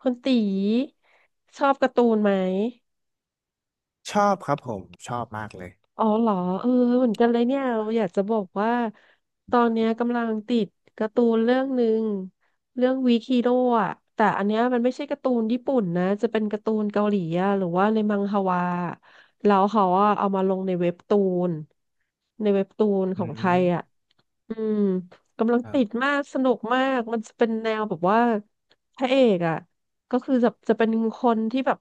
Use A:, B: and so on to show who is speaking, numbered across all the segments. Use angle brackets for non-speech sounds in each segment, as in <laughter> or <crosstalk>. A: คุณตีชอบการ์ตูนไหม?
B: ชอบครับผมชอบมากเลย
A: อ๋อเหรอ? เออเหมือนกันเลยเนี่ยเราอยากจะบอกว่าตอนเนี้ยกำลังติดการ์ตูนเรื่องหนึ่งเรื่องวีคีโร่อะแต่อันเนี้ยมันไม่ใช่การ์ตูนญี่ปุ่นนะจะเป็นการ์ตูนเกาหลีอะหรือว่าในมังฮวาแล้วเขาอะเอามาลงในเว็บตูนในเว็บตูนข
B: อื
A: องไทย
B: ม
A: อะ อืมกำลัง
B: ครั
A: ติด
B: บ
A: มากสนุกมากมันจะเป็นแนวแบบว่าพระเอกอ่ะก็คือจะเป็นคนที่แบบ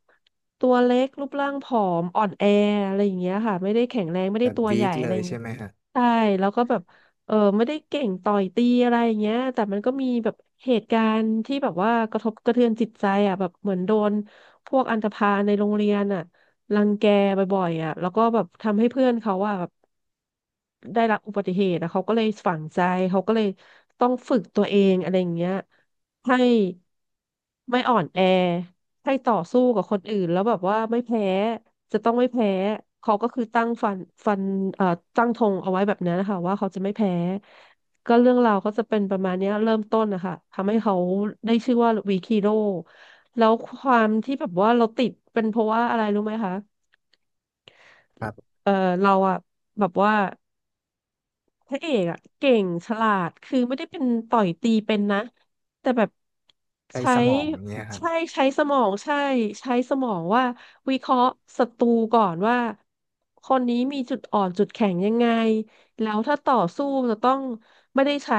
A: ตัวเล็กรูปร่างผอมอ่อนแออะไรอย่างเงี้ยค่ะไม่ได้แข็งแรงไม่
B: แบ
A: ได้
B: บ
A: ตัว
B: วี
A: ใหญ่
B: ค
A: อะ
B: เล
A: ไรอ
B: ย
A: ย่าง
B: ใช่
A: เงี้ย
B: ไหมฮะ
A: ใช่แล้วก็แบบเออไม่ได้เก่งต่อยตีอะไรอย่างเงี้ยแต่มันก็มีแบบเหตุการณ์ที่แบบว่ากระทบกระเทือนจิตใจอ่ะแบบเหมือนโดนพวกอันธพาลในโรงเรียนอ่ะรังแกบ่อยๆอ่ะแล้วก็แบบทำให้เพื่อนเขาอ่ะแบบ ได้รับอุบัติเหตุแล้วเขาก็เลยฝังใจเขาก็เลยต้องฝึกตัวเองอะไรอย่างเงี้ยให้ไม่อ่อนแอให้ต่อสู้กับคนอื่นแล้วแบบว่าไม่แพ้จะต้องไม่แพ้เขาก็คือตั้งฟันฟันเอ่อตั้งธงเอาไว้แบบนั้นนะคะว่าเขาจะไม่แพ้ก็เรื่องราวก็จะเป็นประมาณเนี้ยเริ่มต้นนะคะทำให้เขาได้ชื่อว่าวีคีโร่แล้วความที่แบบว่าเราติดเป็นเพราะว่าอะไรรู้ไหมคะ?
B: ครับ
A: เออเราอะแบบว่า พระเอกอะเก่งฉลาดคือไม่ได้เป็นต่อยตีเป็นนะแต่แบบ
B: ใช้
A: ใช้
B: สมองเนี่ยฮะ
A: ใช่ใช้สมองใช่ใช้สมองว่าวิเคราะห์ศัตรูก่อนว่าคนนี้มีจุดอ่อนจุดแข็งยังไง แล้วถ้าต่อสู้จะต้องไม่ได้ใช้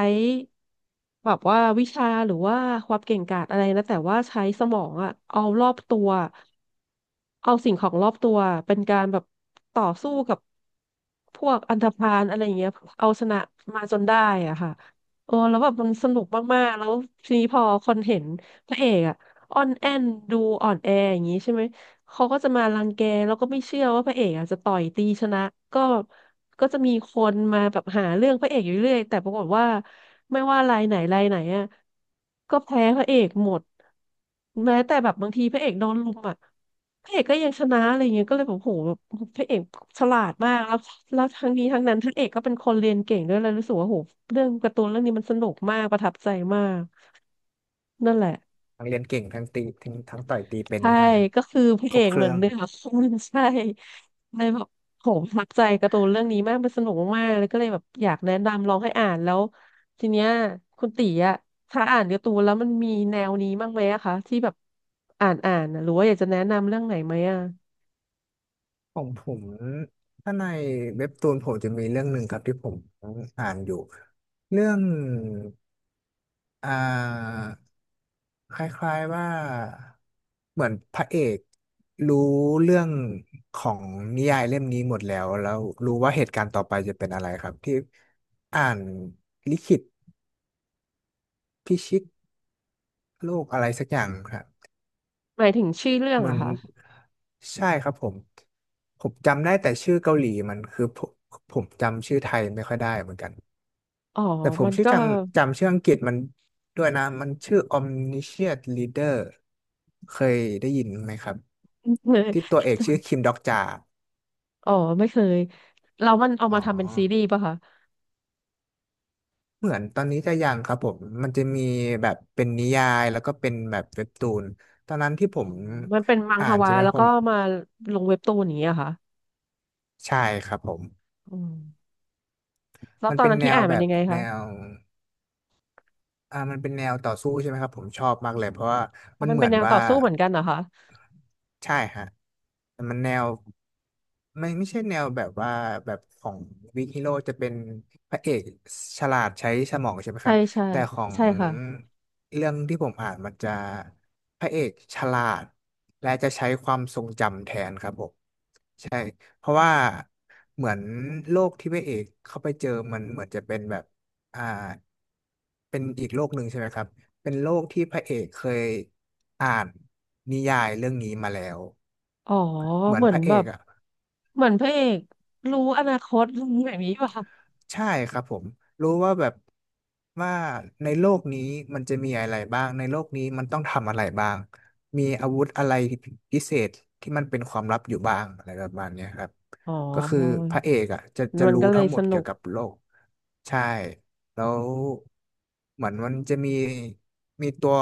A: แบบว่าวิชาหรือว่าความเก่งกาจอะไรนะแต่ว่าใช้สมองอะเอารอบตัวเอาสิ่งของรอบตัวเป็นการแบบต่อสู้กับพวกอันธพาลอะไรอย่างเงี้ยเอาชนะมาจนได้อ่ะค่ะโอ้แล้วแบบมันสนุกมากๆแล้วทีนี้พอคนเห็นพระเอกอะอ่อนแอนดูอ่อนแออย่างงี้ใช่ไหม เขาก็จะมารังแกแล้วก็ไม่เชื่อว่าพระเอกอ่ะจะต่อยตีชนะก็ก็จะมีคนมาแบบหาเรื่องพระเอกอยู่เรื่อยแต่ปรากฏว่าไม่ว่ารายไหนรายไหนอ่ะก็แพ้พระเอกหมดแม้แต่แบบบางทีพระเอกโดนลุมอ่ะพระเอกก็ยังชนะอะไรเงี้ยก็เลยแบบโหแบบพระเอกฉลาดมากแล้วทั้งนี้ทั้งนั้นพระเอกก็เป็นคนเรียนเก่งด้วยเลยรู้สึกว่าโหเรื่องการ์ตูนเรื่องนี้มันสนุกมากประทับใจมากนั่นแหละ
B: ทั้งเรียนเก่งทั้งตีทั้งต่อยตีเป็น
A: ใช่
B: ใช่ไหมฮะ
A: ก็คือพระ
B: คร
A: เอ
B: บ
A: ก
B: เค
A: เหมือ
B: รื่
A: น
B: อง
A: เหนือคนใช่เลยแบบโหประทับใจการ์ตูนเรื่องนี้มากมันสนุกมากๆเลยก็เลยแบบอยากแนะนำลองให้อ่านแล้วทีเนี้ยคุณตีอะถ้าอ่านการ์ตูนแล้วมันมีแนวนี้บ้างไหมอะคะที่แบบอ่านอ่านนะหรือว่าอยากจะแนะนำเรื่องไหนไหมอะ?
B: ของผมถ้าในเว็บตูนผมจะมีเรื่องหนึ่งครับที่ผมอ่านอยู่เรื่องอ่าคล้ายๆว่าเหมือนพระเอกรู้เรื่องของนิยายเล่มนี้หมดแล้วรู้ว่าเหตุการณ์ต่อไปจะเป็นอะไรครับที่อ่านลิขิตพิชิตโลกอะไรสักอย่างครับ
A: หมายถึงชื่อเรื่อง
B: เหมือ
A: อะ
B: น
A: คะ?
B: ใช่ครับผมจำได้แต่ชื่อเกาหลีมันคือผมจำชื่อไทยไม่ค่อยได้เหมือนกัน
A: อ๋อ
B: แต่ผ
A: มั
B: ม
A: น
B: ชื่อ
A: ก็
B: จำชื่ออังกฤษมันด้วยนะมันชื่อ Omniscient Leader เคยได้ยินไหมครับที่ตัวเอกชื่อ
A: <laughs>
B: คิมด็อกจา
A: อ๋อไม่เคยแล้วมัน <laughs> เอา
B: อ๋อ
A: มาทำเป็นซีรีส์ป่ะคะ?
B: เหมือนตอนนี้จะยังครับผมมันจะมีแบบเป็นนิยายแล้วก็เป็นแบบเว็บตูนตอนนั้นที่ผ
A: อ๋อ
B: ม
A: มันเป็นมัง
B: อ่า
A: ฮ
B: น
A: วา
B: ใช่ไหม
A: แล้ว
B: ผ
A: ก็
B: ม
A: มาลงเว็บตูนอย่างเงี้ยเหรอค่ะ?
B: ใช่ครับผม
A: อืม แล้ว
B: มัน
A: ตอน
B: เป็น
A: นั้น
B: แน
A: ที่
B: ว
A: อ่าน
B: แบ
A: มัน
B: บ
A: ยังไง
B: แน
A: คะ?
B: ว มันเป็นแนวต่อสู้ใช่ไหมครับผมชอบมากเลยเพราะว่า
A: เพ
B: มั
A: ราะ
B: น
A: มัน
B: เหมื
A: เป็น
B: อน
A: แนว
B: ว่า
A: ต่อสู้เหมือนกันเหรอคะ?
B: ใช่ฮะแต่มันแนวไม่ใช่แนวแบบว่าแบบของวิกฮีโร่จะเป็นพระเอกฉลาดใช้สมองใช่ไหมค
A: ใช่
B: รับ
A: ใช่
B: แต่ของ
A: ใช่ค่ะ
B: เรื่องที่ผมอ่านมันจะพระเอกฉลาดและจะใช้ความทรงจำแทนครับผม ใช่เพราะว่าเหมือนโลกที่พระเอกเข้าไปเจอมันเหมือนจะเป็นแบบอ่าเป็นอีกโลกหนึ่งใช่ไหมครับเป็นโลกที่พระเอกเคยอ่านนิยายเรื่องนี้มาแล้ว
A: อ๋อ
B: เหมือ
A: เห
B: น
A: มือ
B: พ
A: น
B: ระเอ
A: แบ
B: ก
A: บ
B: อ่ะ
A: เหมือนพระเอกรู้อนาคตอะไรแบบนี้ป่ะคะ?
B: ใช่ครับผมรู้ว่าแบบว่าในโลกนี้มันจะมีอะไรบ้างในโลกนี้มันต้องทำอะไรบ้างมีอาวุธอะไรพิเศษที่มันเป็นความลับอยู่บ้างอะไรประมาณเนี้ยครับ
A: อ๋อ
B: ก็คือพระเอกอ่ะจะ
A: มัน
B: รู้
A: ก็เล
B: ทั้
A: ย
B: งหม
A: ส
B: ด
A: นุ
B: เกี่ย
A: ก
B: วกับโลกใช่แล้วเหมือนมันจะมีตัว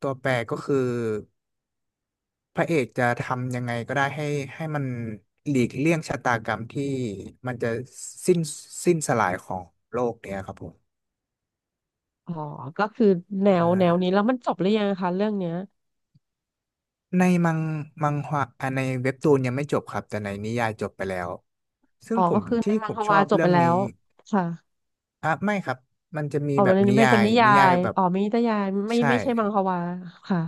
B: ตัวแปรก็คือ พระเอกจะทำยังไงก็ได้ให้มันหลีกเลี่ยงชะตากรรมที่มันจะสิ้นสิ้นสลายของโลกเนี่ยครับผม
A: อ๋อก็คือแน
B: อ่
A: วแนวนี้
B: า
A: แล้วมันจบหรือยังคะเรื่องเนี้ย?
B: ในมังฮวาในเว็บตูนยังไม่จบครับแต่ในนิยายจบไปแล้วซึ่
A: อ๋
B: ง
A: อ
B: ผ
A: ก็
B: ม
A: คือใน
B: ที่
A: มั
B: ผ
A: ง
B: ม
A: ฮ
B: ชอ
A: วา
B: บ
A: จบ
B: เรื่
A: ไป
B: อง
A: แล้
B: นี้
A: วค่ะ
B: อ่ะไม่ครับมันจะมี
A: อ๋อ
B: แบ
A: มัน
B: บ
A: เ
B: นิ
A: ป็น
B: ยา
A: เป็น
B: ย
A: นิยา
B: นิยาย
A: ย
B: แบบ
A: อ๋อมีนิยายไม่
B: ใช่
A: ไม่ใช่มังฮวาค่ะ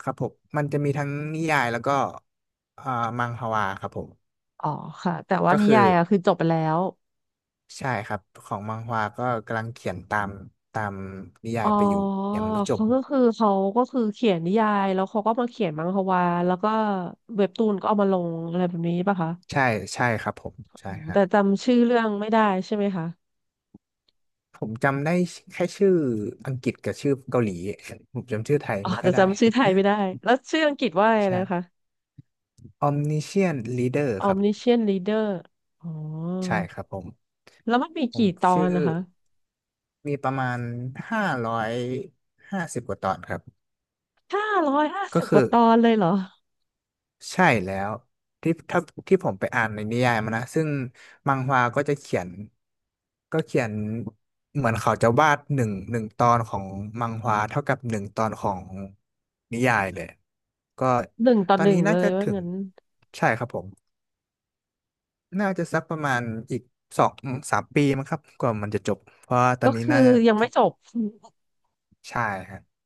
B: ครับผมมันจะมีทั้งนิยายแล้วก็อ่ามังฮวาครับผม
A: อ๋อค่ะแต่ว่า
B: ก็
A: นิ
B: คือ
A: ยายอะคือจบไปแล้ว
B: ใช่ครับของมังฮวาก็กำลังเขียนตามนิยา
A: อ๋
B: ย
A: อ
B: ไปอยู่ยังไม่จบ
A: เขาก็คือเขียนนิยายแล้วเขาก็มาเขียนมังฮวาแล้วก็เว็บตูนก็เอามาลงอะไรแบบนี้ป่ะคะ?
B: ใช่ใช่ครับผมใช่
A: อืม
B: ฮะ
A: แต่จำชื่อเรื่องไม่ได้ใช่ไหมคะ?
B: ผมจำได้แค่ชื่ออังกฤษกับชื่อเกาหลีผมจำชื่อไทย
A: อ๋อ
B: ไม่ค่อ
A: จะ
B: ยได้
A: จำชื่อไทยไม่ได้แล้วชื่ออังกฤษว่าอะ
B: <laughs>
A: ไร
B: ใช่
A: นะคะ?
B: Omniscient Reader ครับ
A: Omniscient Reader อ๋อ
B: ใช่ครับผม
A: แล้วมันมี
B: ผ
A: กี่
B: ม
A: ตอ
B: ชื่
A: น
B: อ
A: นะคะ?
B: มีประมาณ550กว่าตอนครับ
A: ห้าร้อยห้า
B: ก็
A: สิบก
B: คือ
A: ว่าตอนเลยเหรอ?
B: ใช่แล้วที่ถ้าที่ผมไปอ่านในนิยายมานะซึ่งมังฮวาก็จะเขียนเหมือนเขาจะวาดหนึ่งตอนของมังฮวาเท่ากับหนึ่งตอนของนิยายเลยก็
A: หนึ่งต่อ
B: ตอ
A: ห
B: น
A: นึ่
B: นี้
A: งเล
B: น่า
A: ย
B: จะ
A: ว่า
B: ถึง
A: งั้น
B: ใช่ครับผมน่าจะสักประมาณอีกสองสามปีมั้งครับกว่ามันจะจบเพราะว่าตอ
A: ก็
B: นนี้
A: คือ
B: น่าจะ
A: ยังไม่จบ <laughs>
B: ใช่ครับ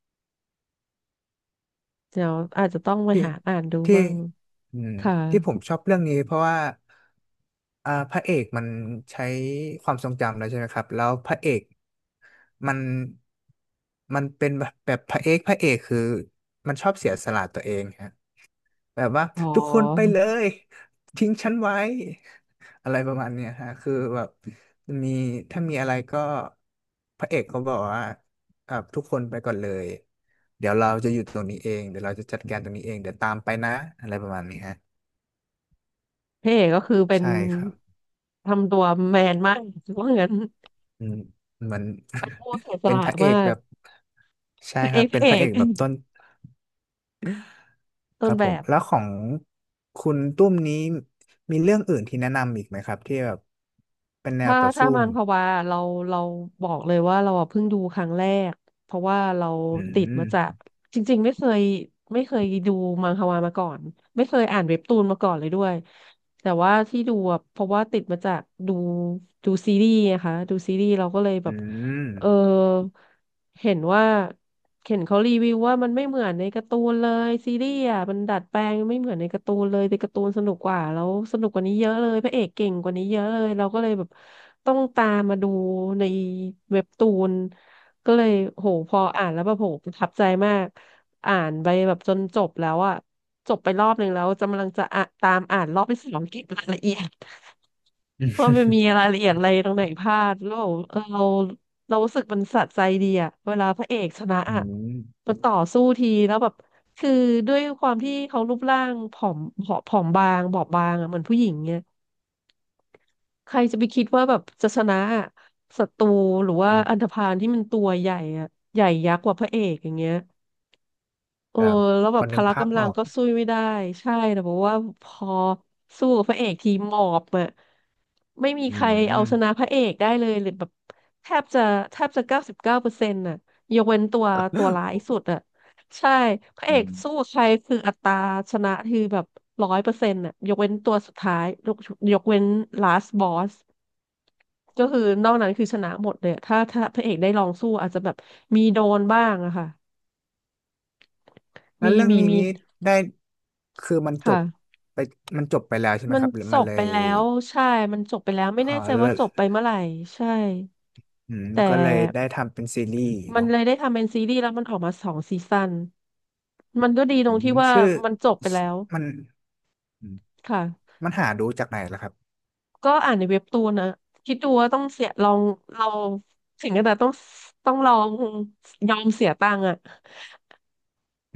A: เดี๋ยวอาจจะต้องไป
B: ที่
A: หาอ่านดู
B: ที่
A: บ้าง
B: อืม
A: ค่ะ
B: ที่ผมชอบเรื่องนี้เพราะว่าพระเอกมันใช้ความทรงจำแล้วใช่ไหมครับแล้วพระเอกมันมันเป็นแบบพระเอกคือมันชอบเสียสละตัวเองฮะ แบบว่า
A: อ๋อ
B: ทุกคนไปเลยทิ้งฉันไว้อะไรประมาณเนี้ยฮะคือแบบมีถ้ามีอะไรก็พระเอกเขาบอกว่าอ่ะทุกคนไปก่อนเลยเดี๋ยวเราจะอยู่ตรงนี้เองเดี๋ยวเราจะจัดการตรงนี้เองเดี๋ยวตามไปนะอะไรประมาณนี้ฮะ
A: พี่เอกก็คือเป็น
B: ใช่ครับ
A: ทำตัวแมนมากถือว่างั้น
B: อืมเหมือน
A: เป็นผู้เสีย
B: <laughs>
A: ส
B: เป็น
A: ละ
B: พระเอ
A: มา
B: กแบ
A: ก
B: บใช่
A: พระ
B: ค
A: เอ
B: รับ
A: กพ
B: เป็น
A: ระเอ
B: พระเอ
A: ก
B: กแบบต้น
A: ต้
B: ค
A: น
B: รับ
A: แบ
B: ผม
A: บ
B: แล้วของคุณตุ้มนี้มีเรื่องอื่นที่แนะนำอีกไหมครับที่แบบเป็นแนว
A: ถ้า
B: ต่อ
A: ถ้า
B: สู้
A: มังควาเราเราบอกเลยว่าเราอะเพิ่งดูครั้งแรกเพราะว่าเรา
B: อื
A: ติดมาจาก
B: ม
A: จริงๆไม่เคยดูมังความาก่อนไม่เคยอ่านเว็บตูนมาก่อนเลยด้วยแต่ว่าที่ดูอะเพราะว่าติดมาจากดูดูซีรีส์นะคะดูซีรีส์เราก็เลยแบ
B: อื
A: บ
B: ม
A: เออเห็นว่าเห็นเขารีวิวว่ามันไม่เหมือนในการ์ตูนเลยซีรีส์อ่ะมันดัดแปลงไม่เหมือนในการ์ตูนเลยในการ์ตูนสนุกกว่าแล้วสนุกกว่านี้เยอะเลยพระเอกเก่งกว่านี้เยอะเลยเราก็เลยแบบต้องตามมาดูในเว็บตูนก็เลยโหพออ่านแล้วแบบโหประทับใจมากอ่านไปแบบจนจบแล้วอ่ะจบไปรอบหนึ่งแล้วกำลังจะอ่ะตามอ่านรอบที่สองเก็บรายละเอียด
B: อื
A: <laughs> ว่ามันมี
B: ม
A: รายละเอียดอะไรตรงไหนพลาดแล้วเรา เรารู้สึกมันสะใจดีอะเวลาพระเอกชนะ
B: อื
A: อะ
B: ม
A: มันต่อสู้ทีแล้วแบบคือด้วยความที่เขารูปร่างผอมบางบอบบางอะเหมือนผู้หญิงเนี่ยใครจะไปคิดว่าแบบจะชนะอะศัตรูหรือว่า
B: อื
A: อันธ
B: ม
A: พาลที่มันตัวใหญ่อะใหญ่ยักษ์กว่าพระเอกอย่างเงี้ย เอ
B: ค
A: อ
B: รับ
A: แล้ว
B: พ
A: แบ
B: อ
A: บพ
B: นึก
A: ละ
B: ภาพ
A: กำลั
B: อ
A: ง
B: อก
A: ก็สู้ไม่ได้ใช่แต่บอกว่าพอสู้กับพระเอกทีหมอบอะไม่มี
B: อื
A: ใครเอาชนะ
B: ม
A: พระเอกได้เลยหรือแบบแทบจะแทบจะ99%น่ะยกเว้นตัวร้ายสุดอะใช่พระเอ
B: อื
A: กสู้
B: ม
A: ใครคืออัตราชนะคือแบบ100%น่ะยกเว้นตัวสุดท้ายยกเว้น last boss ก็คือนอกนั้นคือชนะหมดเลยอะถ้าพระเอกได้ลองสู้อาจจะแบบมีโดนบ้างอะค่ะ
B: แล้ว
A: มี
B: เรื่อง
A: มี
B: นี้
A: มี
B: นี้ได้คือมันจบ
A: ค่ะ
B: ไปมันจบไปแล้วใช่ไหม
A: มัน
B: ครับหรือ
A: จ
B: มัน
A: บ
B: เล
A: ไป
B: ย
A: แล้วใช่มันจบไปแล้วไม่
B: เอ่อ
A: แน่ใจว่า
B: เลิก
A: จบไปเมื่อไหร่ใช่แต่
B: ก็เลยได้ทำเป็นซีรีส์
A: มัน
B: เนาะ
A: เลยได้ทำเป็นซีรีส์แล้วมันออกมาสองซีซั่นมันก็ดีตรงที่ว่า
B: ชื่อ
A: มันจบไปแล้ว
B: มันอืม
A: ค่ะ
B: มันหาดูจากไหนล่ะครับ
A: ก็อ่านในเว็บตูนนะคิดดูว่าต้องเสียลองเราถึงขนาดต้องลองยอมเสียตังค์อะ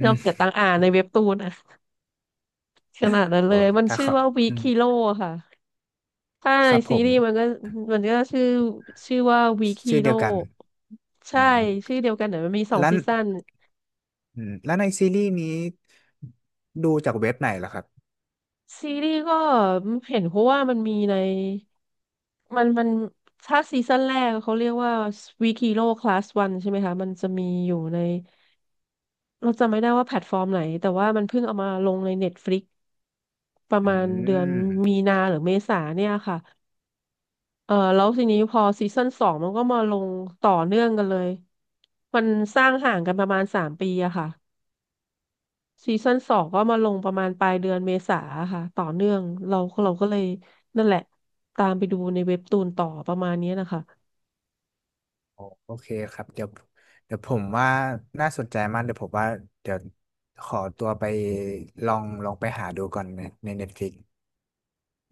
B: อื
A: ยอมเสีย
B: ม
A: ตังค์อ่านในเว็บตูนอะขนาดนั้น
B: โอ้
A: เลยมัน
B: ถ้า
A: ชื่อ
B: เขา
A: ว่าวี
B: อืม
A: คิโ o ค่ะ ใช่
B: ครับผ
A: ซี
B: ม
A: รีส์มันก็มันก็ชื่อชื่อว่าวีค h
B: ชื่อ
A: โ r
B: เดีย
A: o
B: วกันอื
A: ใช่
B: ม
A: ชื่อเดียวกันแต่มันมีสอง
B: แล้ว
A: ซีซั่น
B: แล้วในซีรีส์นี้ดูจากเว็บไหนล่ะครับ
A: ซีรีส์ก็เห็นเพราะว่ามันมีในมันถ้าซีซั่นแรกเขาเรียกว่าวีค h โ r o คลาส s ันงใช่ไหมคะมันจะมีอยู่ในเราจำไม่ได้ว่าแพลตฟอร์มไหนแต่ว่ามันเพิ่งเอามาลงใน Netflix ประ
B: อื
A: มาณเดือนมี
B: ม
A: นาหรือเมษาเนี่ยค่ะ เออแล้วทีนี้พอซีซั่นสองมันก็มาลงต่อเนื่องกันเลยมันสร้างห่างกันประมาณ3 ปีอะค่ะซีซั่นสองก็มาลงประมาณปลายเดือนเมษาค่ะต่อเนื่องเราเราก็เลยนั่นแหละตามไปดูในเว็บตูนต่อประมาณนี้นะคะ
B: โอโอเคครับเดี๋ยวผมว่าน่าสนใจมากเดี๋ยวผมว่าเดี๋ยวขอตัวไปลองไปหาดูก่อนใน Netflix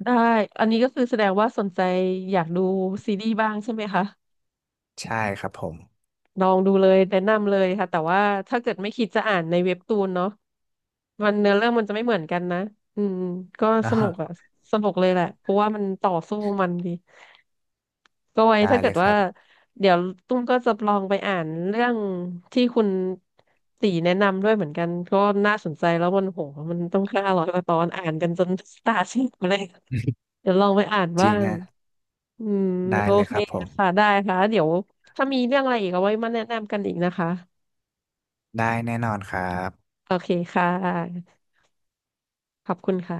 A: ได้อันนี้ก็คือแสดงว่าสนใจอยากดูซีรีส์บ้างใช่ไหมคะ
B: ใช่ครับผม
A: ลองดูเลยแนะนำเลยค่ะแต่ว่าถ้าเกิดไม่คิดจะอ่านในเว็บตูนเนาะ มันเนื้อเรื่องมันจะไม่เหมือนกันนะอืมก็
B: <laughs> น
A: สนุกอะ
B: ะ
A: สนุกเลยแหละเพราะว่ามันต่อสู้มันดีก็ไว้
B: ได้
A: ถ้าเกิ
B: เล
A: ด
B: ยค
A: ว่า
B: รับ
A: เดี๋ยวตุ้มก็จะลองไปอ่านเรื่องที่คุณตีแนะนำด้วยเหมือนกันก็น่าสนใจแล้วมันโหมันต้อง500 กว่าตอนอ่านกันจน <laughs> ตาซีดมาเลย
B: <laughs>
A: เดี๋ยวลองไปอ่าน
B: จ
A: บ้า
B: ริง
A: ง
B: ฮะ
A: อืม
B: ได้
A: โอ
B: เลย
A: เค
B: ครับผม
A: ค่ะได้ค่ะเดี๋ยวถ้ามีเรื่องอะไรอีกเอาไว้มาแนะนำกันอีกนะคะ
B: ได้แน่นอนครับ
A: โอเคค่ะขอบคุณค่ะ